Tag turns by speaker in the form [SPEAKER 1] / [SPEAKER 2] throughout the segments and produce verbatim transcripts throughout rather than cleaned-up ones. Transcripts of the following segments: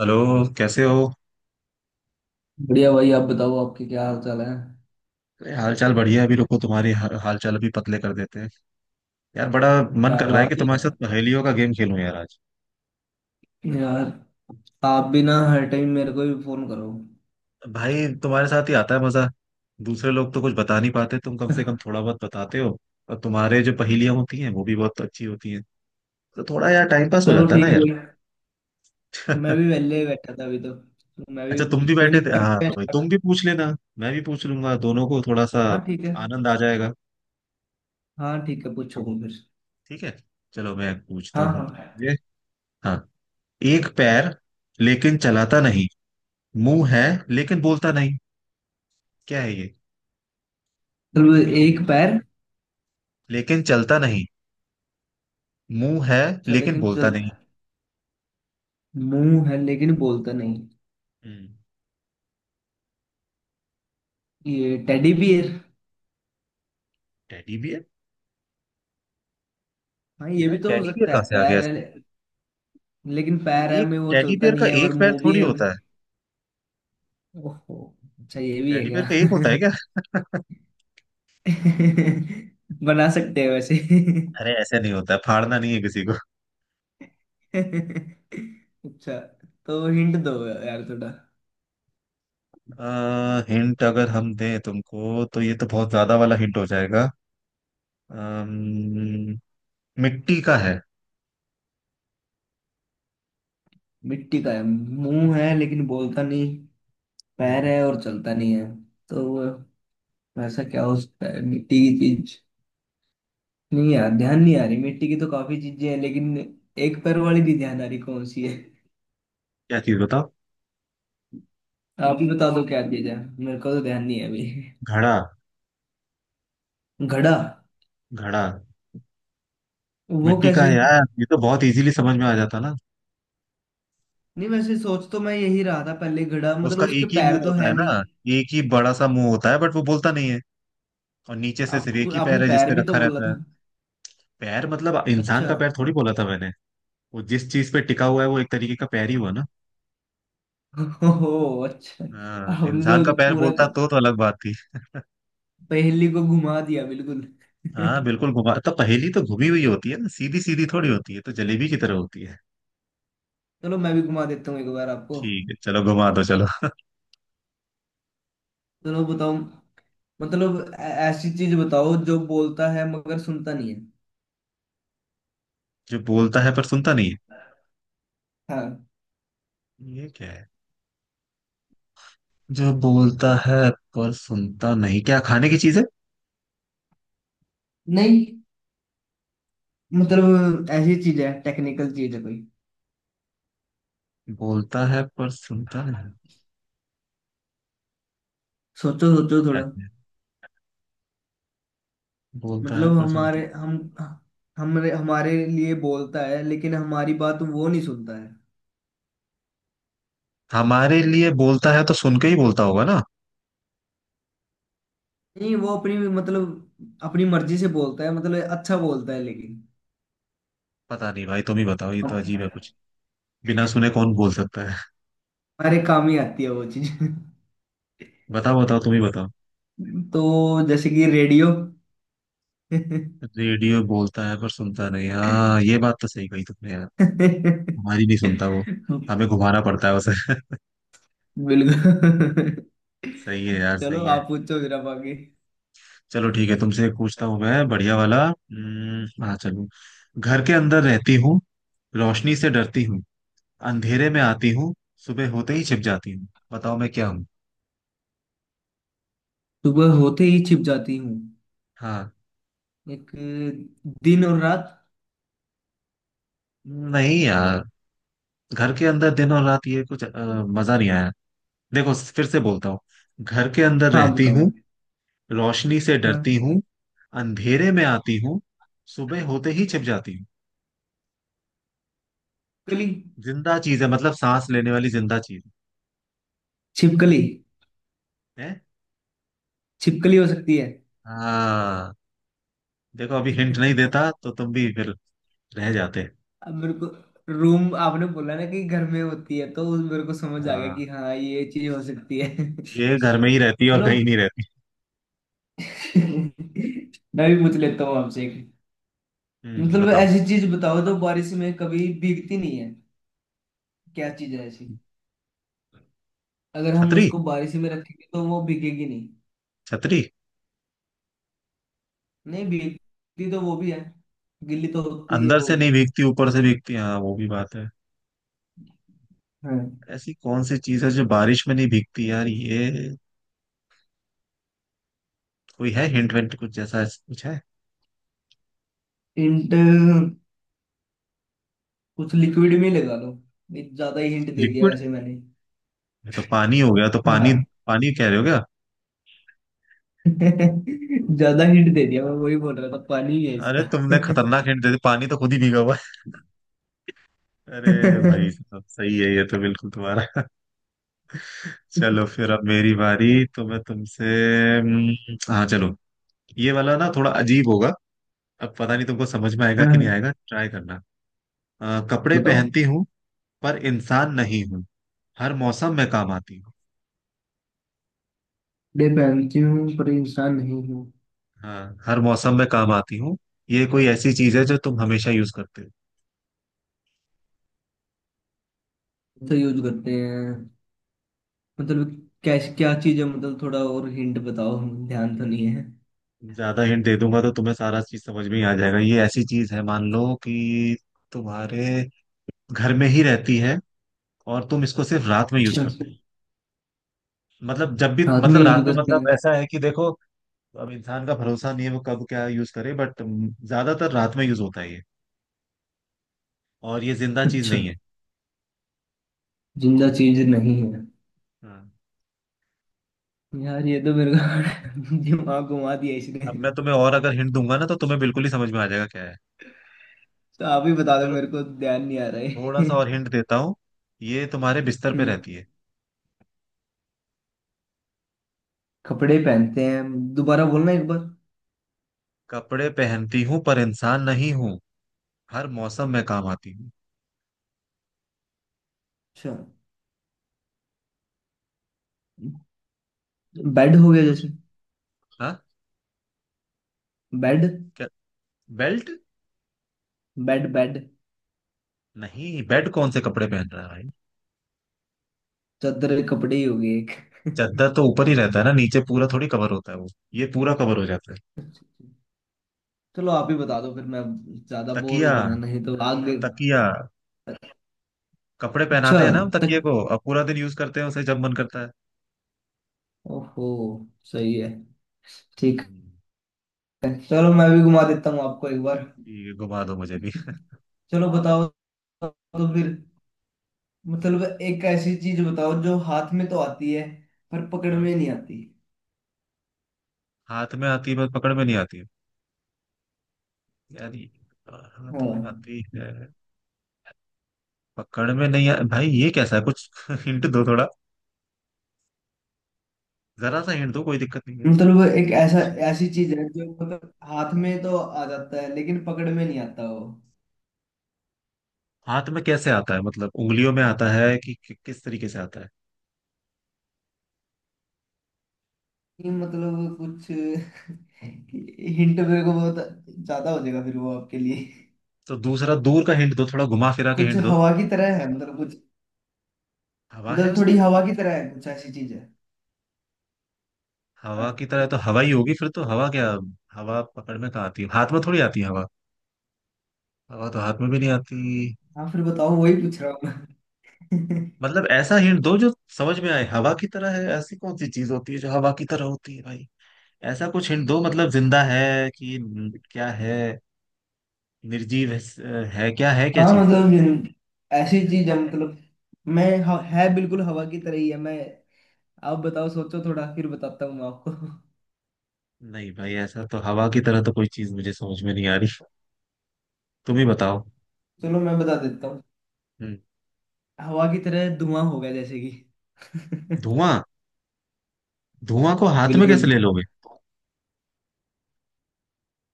[SPEAKER 1] Hello. कैसे हो?
[SPEAKER 2] बढ़िया भाई, आप बताओ आपके क्या हाल चाल है।
[SPEAKER 1] अरे, हाल चाल बढ़िया है। अभी रुको, तुम्हारी हा- हाल चाल अभी पतले कर देते हैं। यार, बड़ा मन
[SPEAKER 2] क्या
[SPEAKER 1] कर रहा है
[SPEAKER 2] बात
[SPEAKER 1] कि तुम्हारे
[SPEAKER 2] है
[SPEAKER 1] साथ पहेलियों का गेम खेलूं यार आज।
[SPEAKER 2] यार, आप भी ना हर टाइम मेरे को भी फोन करो।
[SPEAKER 1] भाई, तुम्हारे साथ ही आता है मजा। दूसरे लोग तो कुछ बता नहीं पाते, तुम कम से कम थोड़ा बहुत बताते हो। और तुम्हारे जो पहेलियां होती हैं वो भी बहुत अच्छी होती हैं। तो थोड़ा यार टाइम पास हो
[SPEAKER 2] चलो
[SPEAKER 1] जाता है ना
[SPEAKER 2] ठीक है
[SPEAKER 1] यार।
[SPEAKER 2] भाई। मैं भी वेले ही बैठा था अभी तो तो मैं भी।
[SPEAKER 1] अच्छा, तुम भी
[SPEAKER 2] कोई
[SPEAKER 1] बैठे थे।
[SPEAKER 2] नहीं,
[SPEAKER 1] हाँ हाँ,
[SPEAKER 2] करते
[SPEAKER 1] तो
[SPEAKER 2] हैं
[SPEAKER 1] भाई तुम
[SPEAKER 2] start।
[SPEAKER 1] भी पूछ लेना। मैं भी पूछ लूंगा दोनों को थोड़ा सा।
[SPEAKER 2] हाँ ठीक है।
[SPEAKER 1] आनंद आ जाएगा।
[SPEAKER 2] हाँ ठीक है, पूछो तुम फिर।
[SPEAKER 1] ठीक है, चलो मैं पूछता
[SPEAKER 2] हाँ
[SPEAKER 1] हूँ।
[SPEAKER 2] हाँ
[SPEAKER 1] ये। हाँ। एक पैर लेकिन चलाता नहीं, मुंह है लेकिन बोलता नहीं, क्या है ये?
[SPEAKER 2] चलो। एक पैर,
[SPEAKER 1] लेकिन चलता नहीं, मुंह है
[SPEAKER 2] चल
[SPEAKER 1] लेकिन
[SPEAKER 2] लेकिन
[SPEAKER 1] बोलता
[SPEAKER 2] चल।
[SPEAKER 1] नहीं।
[SPEAKER 2] मुंह है लेकिन बोलता नहीं।
[SPEAKER 1] हम्म।
[SPEAKER 2] ये टेडी बियर।
[SPEAKER 1] Teddy bear.
[SPEAKER 2] हाँ ये
[SPEAKER 1] यार,
[SPEAKER 2] भी तो हो
[SPEAKER 1] टेडी बियर
[SPEAKER 2] सकता
[SPEAKER 1] कहाँ
[SPEAKER 2] है,
[SPEAKER 1] से आ गया
[SPEAKER 2] पैर है
[SPEAKER 1] इसमें?
[SPEAKER 2] ले- लेकिन पैर है
[SPEAKER 1] एक
[SPEAKER 2] में वो
[SPEAKER 1] टेडी
[SPEAKER 2] चलता
[SPEAKER 1] बियर का
[SPEAKER 2] नहीं है और
[SPEAKER 1] एक पैर
[SPEAKER 2] मुंह भी
[SPEAKER 1] थोड़ी
[SPEAKER 2] है।
[SPEAKER 1] होता है।
[SPEAKER 2] ओहो, अच्छा ये भी है
[SPEAKER 1] टेडी बियर
[SPEAKER 2] क्या।
[SPEAKER 1] का एक होता है क्या?
[SPEAKER 2] बना सकते हैं वैसे।
[SPEAKER 1] अरे, ऐसे नहीं होता है, फाड़ना नहीं है किसी को।
[SPEAKER 2] अच्छा, तो हिंट दो यार थोड़ा।
[SPEAKER 1] आ, हिंट अगर हम दें तुमको तो ये तो बहुत ज्यादा वाला हिंट हो जाएगा। अम्म, मिट्टी का है।
[SPEAKER 2] मिट्टी का है, मुंह है लेकिन बोलता नहीं, पैर
[SPEAKER 1] हम्म।
[SPEAKER 2] है और चलता नहीं है। तो वैसा क्या हो सकता है मिट्टी की चीज। नहीं यार, ध्यान नहीं आ रही। मिट्टी की तो काफी चीजें हैं लेकिन एक पैर वाली नहीं ध्यान आ रही, कौन सी है।
[SPEAKER 1] क्या चीज बताओ?
[SPEAKER 2] आप ही बता दो क्या चीज है, मेरे को तो ध्यान नहीं है अभी।
[SPEAKER 1] घड़ा।
[SPEAKER 2] घड़ा,
[SPEAKER 1] घड़ा।
[SPEAKER 2] वो
[SPEAKER 1] मिट्टी का
[SPEAKER 2] कैसे
[SPEAKER 1] है
[SPEAKER 2] नहीं।
[SPEAKER 1] यार, ये तो बहुत इजीली समझ में आ जाता ना।
[SPEAKER 2] वैसे सोच तो मैं यही रहा था पहले घड़ा, मतलब
[SPEAKER 1] उसका
[SPEAKER 2] उसके
[SPEAKER 1] एक ही मुंह
[SPEAKER 2] पैर तो
[SPEAKER 1] होता है
[SPEAKER 2] है नहीं।
[SPEAKER 1] ना, एक ही बड़ा सा मुंह होता है बट वो बोलता नहीं है, और नीचे से सिर्फ
[SPEAKER 2] आपको
[SPEAKER 1] एक ही
[SPEAKER 2] आपने
[SPEAKER 1] पैर है
[SPEAKER 2] पैर
[SPEAKER 1] जिसपे
[SPEAKER 2] भी तो
[SPEAKER 1] रखा
[SPEAKER 2] बोला
[SPEAKER 1] रहता है।
[SPEAKER 2] था।
[SPEAKER 1] पैर मतलब इंसान
[SPEAKER 2] अच्छा।
[SPEAKER 1] का पैर थोड़ी बोला था मैंने। वो जिस चीज पे टिका हुआ है वो एक तरीके का पैर ही हुआ ना।
[SPEAKER 2] ओहो, अच्छा
[SPEAKER 1] हाँ,
[SPEAKER 2] आपने
[SPEAKER 1] इंसान
[SPEAKER 2] तो
[SPEAKER 1] का पैर
[SPEAKER 2] पूरा
[SPEAKER 1] बोलता तो तो अलग बात थी।
[SPEAKER 2] पहेली को घुमा दिया बिल्कुल।
[SPEAKER 1] हाँ बिल्कुल घुमा, तो पहेली तो घुमी हुई होती है ना, सीधी सीधी थोड़ी होती है, तो जलेबी की तरह होती है।
[SPEAKER 2] चलो, मैं भी घुमा देता हूँ एक बार आपको।
[SPEAKER 1] ठीक है, चलो घुमा दो चलो।
[SPEAKER 2] चलो बताओ। मतलब ऐ- ऐसी चीज बताओ जो बोलता है मगर सुनता नहीं है।
[SPEAKER 1] जो बोलता है पर सुनता नहीं है,
[SPEAKER 2] हाँ।
[SPEAKER 1] ये क्या है? जो बोलता है पर सुनता नहीं, क्या खाने की चीज है?
[SPEAKER 2] नहीं, मतलब ऐसी चीज है, टेक्निकल चीज है कोई।
[SPEAKER 1] बोलता है पर सुनता नहीं,
[SPEAKER 2] सोचो सोचो
[SPEAKER 1] क्या
[SPEAKER 2] थोड़ा।
[SPEAKER 1] है? बोलता है
[SPEAKER 2] मतलब
[SPEAKER 1] पर सुनता।
[SPEAKER 2] हमारे हम हमारे हमारे लिए बोलता है लेकिन हमारी बात वो नहीं सुनता है।
[SPEAKER 1] हमारे लिए बोलता है तो सुन के ही बोलता होगा ना।
[SPEAKER 2] नहीं, वो अपनी मतलब अपनी मर्जी से बोलता है, मतलब अच्छा बोलता है लेकिन।
[SPEAKER 1] पता नहीं भाई, तुम ही बताओ, ये तो
[SPEAKER 2] हम-
[SPEAKER 1] अजीब है कुछ। बिना सुने कौन बोल सकता है?
[SPEAKER 2] हमारे काम ही आती है वो चीज।
[SPEAKER 1] बताओ बताओ तुम ही बताओ।
[SPEAKER 2] तो जैसे कि रेडियो।
[SPEAKER 1] रेडियो बोलता है पर सुनता नहीं, हाँ ये बात तो सही कही तुमने यार। हमारी नहीं सुनता वो, हमें घुमाना पड़ता है उसे।
[SPEAKER 2] बिल्कुल।
[SPEAKER 1] सही है यार,
[SPEAKER 2] चलो
[SPEAKER 1] सही है।
[SPEAKER 2] आप पूछो फिर आप आगे।
[SPEAKER 1] चलो ठीक है, तुमसे एक पूछता हूँ मैं बढ़िया वाला। हम्म, हाँ चलो। घर के अंदर रहती हूँ, रोशनी से डरती हूँ, अंधेरे में आती हूँ, सुबह होते ही छिप जाती हूँ, बताओ मैं क्या हूँ?
[SPEAKER 2] सुबह होते ही छिप जाती हूँ।
[SPEAKER 1] हाँ।
[SPEAKER 2] एक, दिन और रात।
[SPEAKER 1] नहीं यार, घर के अंदर दिन और रात ये कुछ अ, मजा नहीं आया। देखो फिर से बोलता हूँ। घर के अंदर
[SPEAKER 2] हाँ
[SPEAKER 1] रहती
[SPEAKER 2] बताओ।
[SPEAKER 1] हूँ, रोशनी से डरती
[SPEAKER 2] हाँ।
[SPEAKER 1] हूँ, अंधेरे में आती हूँ, सुबह होते ही छिप जाती हूँ।
[SPEAKER 2] छिपकली।
[SPEAKER 1] जिंदा चीज है, मतलब सांस लेने वाली जिंदा चीज
[SPEAKER 2] छिपकली।
[SPEAKER 1] है।
[SPEAKER 2] छिपकली हो सकती
[SPEAKER 1] हाँ। देखो, अभी हिंट नहीं
[SPEAKER 2] है।
[SPEAKER 1] देता तो तुम भी फिर रह जाते।
[SPEAKER 2] अब मेरे को रूम आपने बोला ना कि घर में होती है, तो उस- मेरे को समझ आ गया
[SPEAKER 1] हाँ,
[SPEAKER 2] कि हाँ ये चीज हो सकती है।
[SPEAKER 1] ये घर में ही रहती है और
[SPEAKER 2] चलो।
[SPEAKER 1] कहीं नहीं रहती।
[SPEAKER 2] मैं भी पूछ लेता हूँ आपसे एक।
[SPEAKER 1] हम्म,
[SPEAKER 2] मतलब
[SPEAKER 1] बताओ।
[SPEAKER 2] ऐसी चीज बताओ जो बारिश में कभी भीगती नहीं है। क्या चीज है ऐसी। अगर हम
[SPEAKER 1] छतरी।
[SPEAKER 2] उसको बारिश में रखेंगे तो वो भीगेगी नहीं।
[SPEAKER 1] छतरी।
[SPEAKER 2] नहीं भीगती तो वो भी है, गिल्ली तो होती है
[SPEAKER 1] अंदर
[SPEAKER 2] वो
[SPEAKER 1] से
[SPEAKER 2] भी।
[SPEAKER 1] नहीं भीगती ऊपर से भीगती, हाँ वो भी बात है।
[SPEAKER 2] हाँ।
[SPEAKER 1] ऐसी कौन सी चीज है जो बारिश में नहीं भीगती यार ये, कोई है हिंट विंट कुछ जैसा ऐसा कुछ है?
[SPEAKER 2] हिंट, कुछ लिक्विड में ही लगा लो। ये ज्यादा ही हिंट दे दिया
[SPEAKER 1] लिक्विड?
[SPEAKER 2] वैसे मैंने।
[SPEAKER 1] ये तो पानी हो गया, तो पानी,
[SPEAKER 2] हाँ।
[SPEAKER 1] पानी कह रहे हो क्या?
[SPEAKER 2] ज्यादा हिंट दे दिया, मैं वही बोल रहा था पानी ही है
[SPEAKER 1] अरे,
[SPEAKER 2] इसका।
[SPEAKER 1] तुमने खतरनाक हिंट दे दी, पानी तो खुद ही भीगा हुआ है। अरे भाई साहब, सही है ये तो बिल्कुल तुम्हारा। चलो फिर, अब मेरी बारी तो मैं तुमसे। हम्म, हाँ चलो। ये वाला ना थोड़ा अजीब होगा, अब पता नहीं तुमको समझ में आएगा कि
[SPEAKER 2] हाँ,
[SPEAKER 1] नहीं आएगा, ट्राई करना। अ, कपड़े
[SPEAKER 2] बताओ।
[SPEAKER 1] पहनती हूँ पर इंसान नहीं हूँ, हर मौसम में काम आती हूँ।
[SPEAKER 2] कपड़े पहनती हूँ पर इंसान नहीं हूँ।
[SPEAKER 1] हाँ, हर मौसम में काम आती हूँ। ये कोई ऐसी चीज है जो तुम हमेशा यूज करते हो।
[SPEAKER 2] तो यूज करते हैं। मतलब कैश क्या चीज है, मतलब थोड़ा और हिंट बताओ। ध्यान तो नहीं है।
[SPEAKER 1] ज्यादा हिंट दे दूंगा तो तुम्हें सारा चीज समझ में ही आ जाएगा। ये ऐसी चीज है, मान लो कि तुम्हारे घर में ही रहती है, और तुम इसको सिर्फ रात में यूज
[SPEAKER 2] अच्छा,
[SPEAKER 1] करते हो। मतलब जब भी,
[SPEAKER 2] हाथ में
[SPEAKER 1] मतलब
[SPEAKER 2] यूज
[SPEAKER 1] रात में,
[SPEAKER 2] करते
[SPEAKER 1] मतलब
[SPEAKER 2] हैं।
[SPEAKER 1] ऐसा है कि देखो, अब इंसान का भरोसा नहीं है वो कब क्या यूज करे, बट ज्यादातर रात में यूज होता है ये। और ये जिंदा चीज
[SPEAKER 2] अच्छा,
[SPEAKER 1] नहीं है।
[SPEAKER 2] जिंदा चीज नहीं है।
[SPEAKER 1] हाँ।
[SPEAKER 2] यार ये तो मेरे को दिमाग घुमा दिया इसने।
[SPEAKER 1] अब मैं तुम्हें और अगर हिंट दूंगा ना तो तुम्हें बिल्कुल ही समझ में आ जाएगा क्या है।
[SPEAKER 2] तो आप ही बता दो,
[SPEAKER 1] चलो
[SPEAKER 2] मेरे को ध्यान नहीं आ रहा
[SPEAKER 1] थोड़ा
[SPEAKER 2] है।
[SPEAKER 1] सा और हिंट देता हूँ। ये तुम्हारे बिस्तर पे
[SPEAKER 2] हम्म,
[SPEAKER 1] रहती है।
[SPEAKER 2] कपड़े पहनते हैं, दोबारा बोलना एक बार।
[SPEAKER 1] कपड़े पहनती हूँ पर इंसान नहीं हूँ, हर मौसम में काम आती हूँ।
[SPEAKER 2] अच्छा, बेड हो गया
[SPEAKER 1] कुछ।
[SPEAKER 2] जैसे।
[SPEAKER 1] हाँ।
[SPEAKER 2] बेड।
[SPEAKER 1] क्या? बेल्ट?
[SPEAKER 2] Bed bed.
[SPEAKER 1] नहीं, बेड कौन से कपड़े पहन रहा है भाई।
[SPEAKER 2] चादर कपड़े ही हो गए एक।
[SPEAKER 1] चादर तो ऊपर ही रहता है ना, नीचे पूरा थोड़ी कवर होता है वो, ये पूरा कवर हो जाता है।
[SPEAKER 2] चलो आप ही बता दो फिर, मैं ज्यादा बोर हो
[SPEAKER 1] तकिया।
[SPEAKER 2] जाऊंगा नहीं तो आगे।
[SPEAKER 1] तकिया। कपड़े
[SPEAKER 2] अच्छा,
[SPEAKER 1] पहनाते हैं ना हम तकिए
[SPEAKER 2] तक,
[SPEAKER 1] को, अब पूरा दिन यूज करते हैं उसे जब मन करता है।
[SPEAKER 2] ओहो, सही है, ठीक
[SPEAKER 1] हम्म,
[SPEAKER 2] है। चलो मैं भी घुमा देता हूँ आपको एक बार।
[SPEAKER 1] ठीक है घुमा दो मुझे भी।
[SPEAKER 2] चलो बताओ। तो फिर मतलब एक ऐसी चीज बताओ जो हाथ में तो आती है पर पकड़
[SPEAKER 1] हाँ,
[SPEAKER 2] में नहीं आती।
[SPEAKER 1] हाथ में आती है बस पकड़ में नहीं आती है। यार ये हाथ
[SPEAKER 2] हाँ।
[SPEAKER 1] में आती है, पकड़ में नहीं आ... भाई ये कैसा है कुछ। हिंट दो थोड़ा, जरा सा हिंट दो, कोई दिक्कत नहीं है।
[SPEAKER 2] मतलब एक ऐसा, ऐसी चीज है जो मतलब हाथ में तो आ जाता है लेकिन पकड़ में नहीं आता वो।
[SPEAKER 1] हाथ में कैसे आता है, मतलब उंगलियों में आता है कि कि- किस तरीके से आता है?
[SPEAKER 2] ये मतलब कुछ हिंट मेरे को बहुत ज्यादा हो जाएगा फिर वो आपके लिए।
[SPEAKER 1] तो दूसरा दूर का हिंट दो, थोड़ा घुमा फिरा के
[SPEAKER 2] कुछ
[SPEAKER 1] हिंट दो।
[SPEAKER 2] हवा की तरह है, मतलब कुछ।
[SPEAKER 1] हवा है
[SPEAKER 2] मतलब थोड़ी
[SPEAKER 1] उसमें?
[SPEAKER 2] हवा की तरह है, कुछ ऐसी चीज है।
[SPEAKER 1] हवा की
[SPEAKER 2] हाँ।
[SPEAKER 1] तरह तो हवा ही होगी फिर, तो हवा क्या, हवा पकड़ में कहाँ आती है, हाथ में थोड़ी आती है हवा, हवा तो हाथ में भी नहीं आती।
[SPEAKER 2] हाँ फिर बताओ, वही पूछ रहा हूँ मैं।
[SPEAKER 1] मतलब ऐसा हिंट दो जो समझ में आए, हवा की तरह है ऐसी कौन सी चीज होती है जो हवा की तरह होती है भाई? ऐसा कुछ हिंट दो, मतलब जिंदा है कि न- क्या है, निर्जीव है, है क्या है क्या
[SPEAKER 2] हाँ
[SPEAKER 1] चीज?
[SPEAKER 2] मतलब ये ऐसी चीज है, मतलब मैं ह- है बिल्कुल हवा की तरह ही है। मैं, आप बताओ सोचो थोड़ा, फिर बताता हूँ मैं आपको।
[SPEAKER 1] नहीं भाई, ऐसा तो हवा की तरह तो कोई चीज मुझे समझ में नहीं आ रही, तुम ही बताओ।
[SPEAKER 2] चलो मैं बता देता हूँ।
[SPEAKER 1] हम्म
[SPEAKER 2] हवा की तरह धुआं होगा जैसे कि।
[SPEAKER 1] धुआं? धुआं को हाथ में
[SPEAKER 2] बिल्कुल।
[SPEAKER 1] कैसे ले लोगे?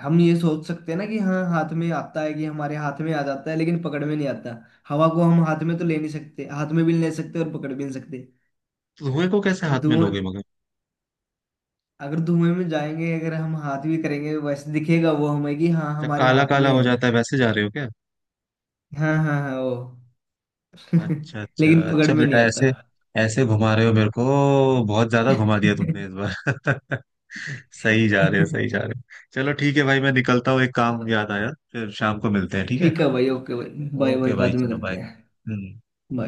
[SPEAKER 2] हम ये सोच सकते हैं ना कि हाँ हाथ में आता है कि हमारे हाथ में आ जाता है लेकिन पकड़ में नहीं आता। हवा को हम हाथ में तो ले नहीं सकते, हाथ में भी नहीं ले सकते और पकड़ भी नहीं सकते।
[SPEAKER 1] धुएं को कैसे हाथ में
[SPEAKER 2] धुआं,
[SPEAKER 1] लोगे मगर?
[SPEAKER 2] अगर धुएं में जाएंगे अगर हम हाथ भी करेंगे वैसे दिखेगा वो हमें कि हाँ
[SPEAKER 1] जब
[SPEAKER 2] हमारे
[SPEAKER 1] काला
[SPEAKER 2] हाथ
[SPEAKER 1] काला
[SPEAKER 2] में
[SPEAKER 1] हो
[SPEAKER 2] है।
[SPEAKER 1] जाता है वैसे जा रहे हो क्या?
[SPEAKER 2] हाँ हाँ हाँ, वो।
[SPEAKER 1] अच्छा अच्छा
[SPEAKER 2] लेकिन पकड़
[SPEAKER 1] अच्छा
[SPEAKER 2] में अच्छा
[SPEAKER 1] बेटा
[SPEAKER 2] नहीं
[SPEAKER 1] ऐसे,
[SPEAKER 2] आता।
[SPEAKER 1] ऐसे घुमा रहे हो मेरे को, बहुत ज्यादा घुमा दिया तुमने इस बार। सही जा रहे हो, सही जा रहे हो। चलो ठीक है भाई, मैं निकलता हूँ, एक काम
[SPEAKER 2] अच्छा
[SPEAKER 1] याद आया, फिर शाम को मिलते हैं ठीक है।
[SPEAKER 2] ठीक है भाई, ओके भाई, बाय बाय,
[SPEAKER 1] ओके भाई
[SPEAKER 2] बाद में
[SPEAKER 1] चलो बाय।
[SPEAKER 2] करते हैं।
[SPEAKER 1] हम्म।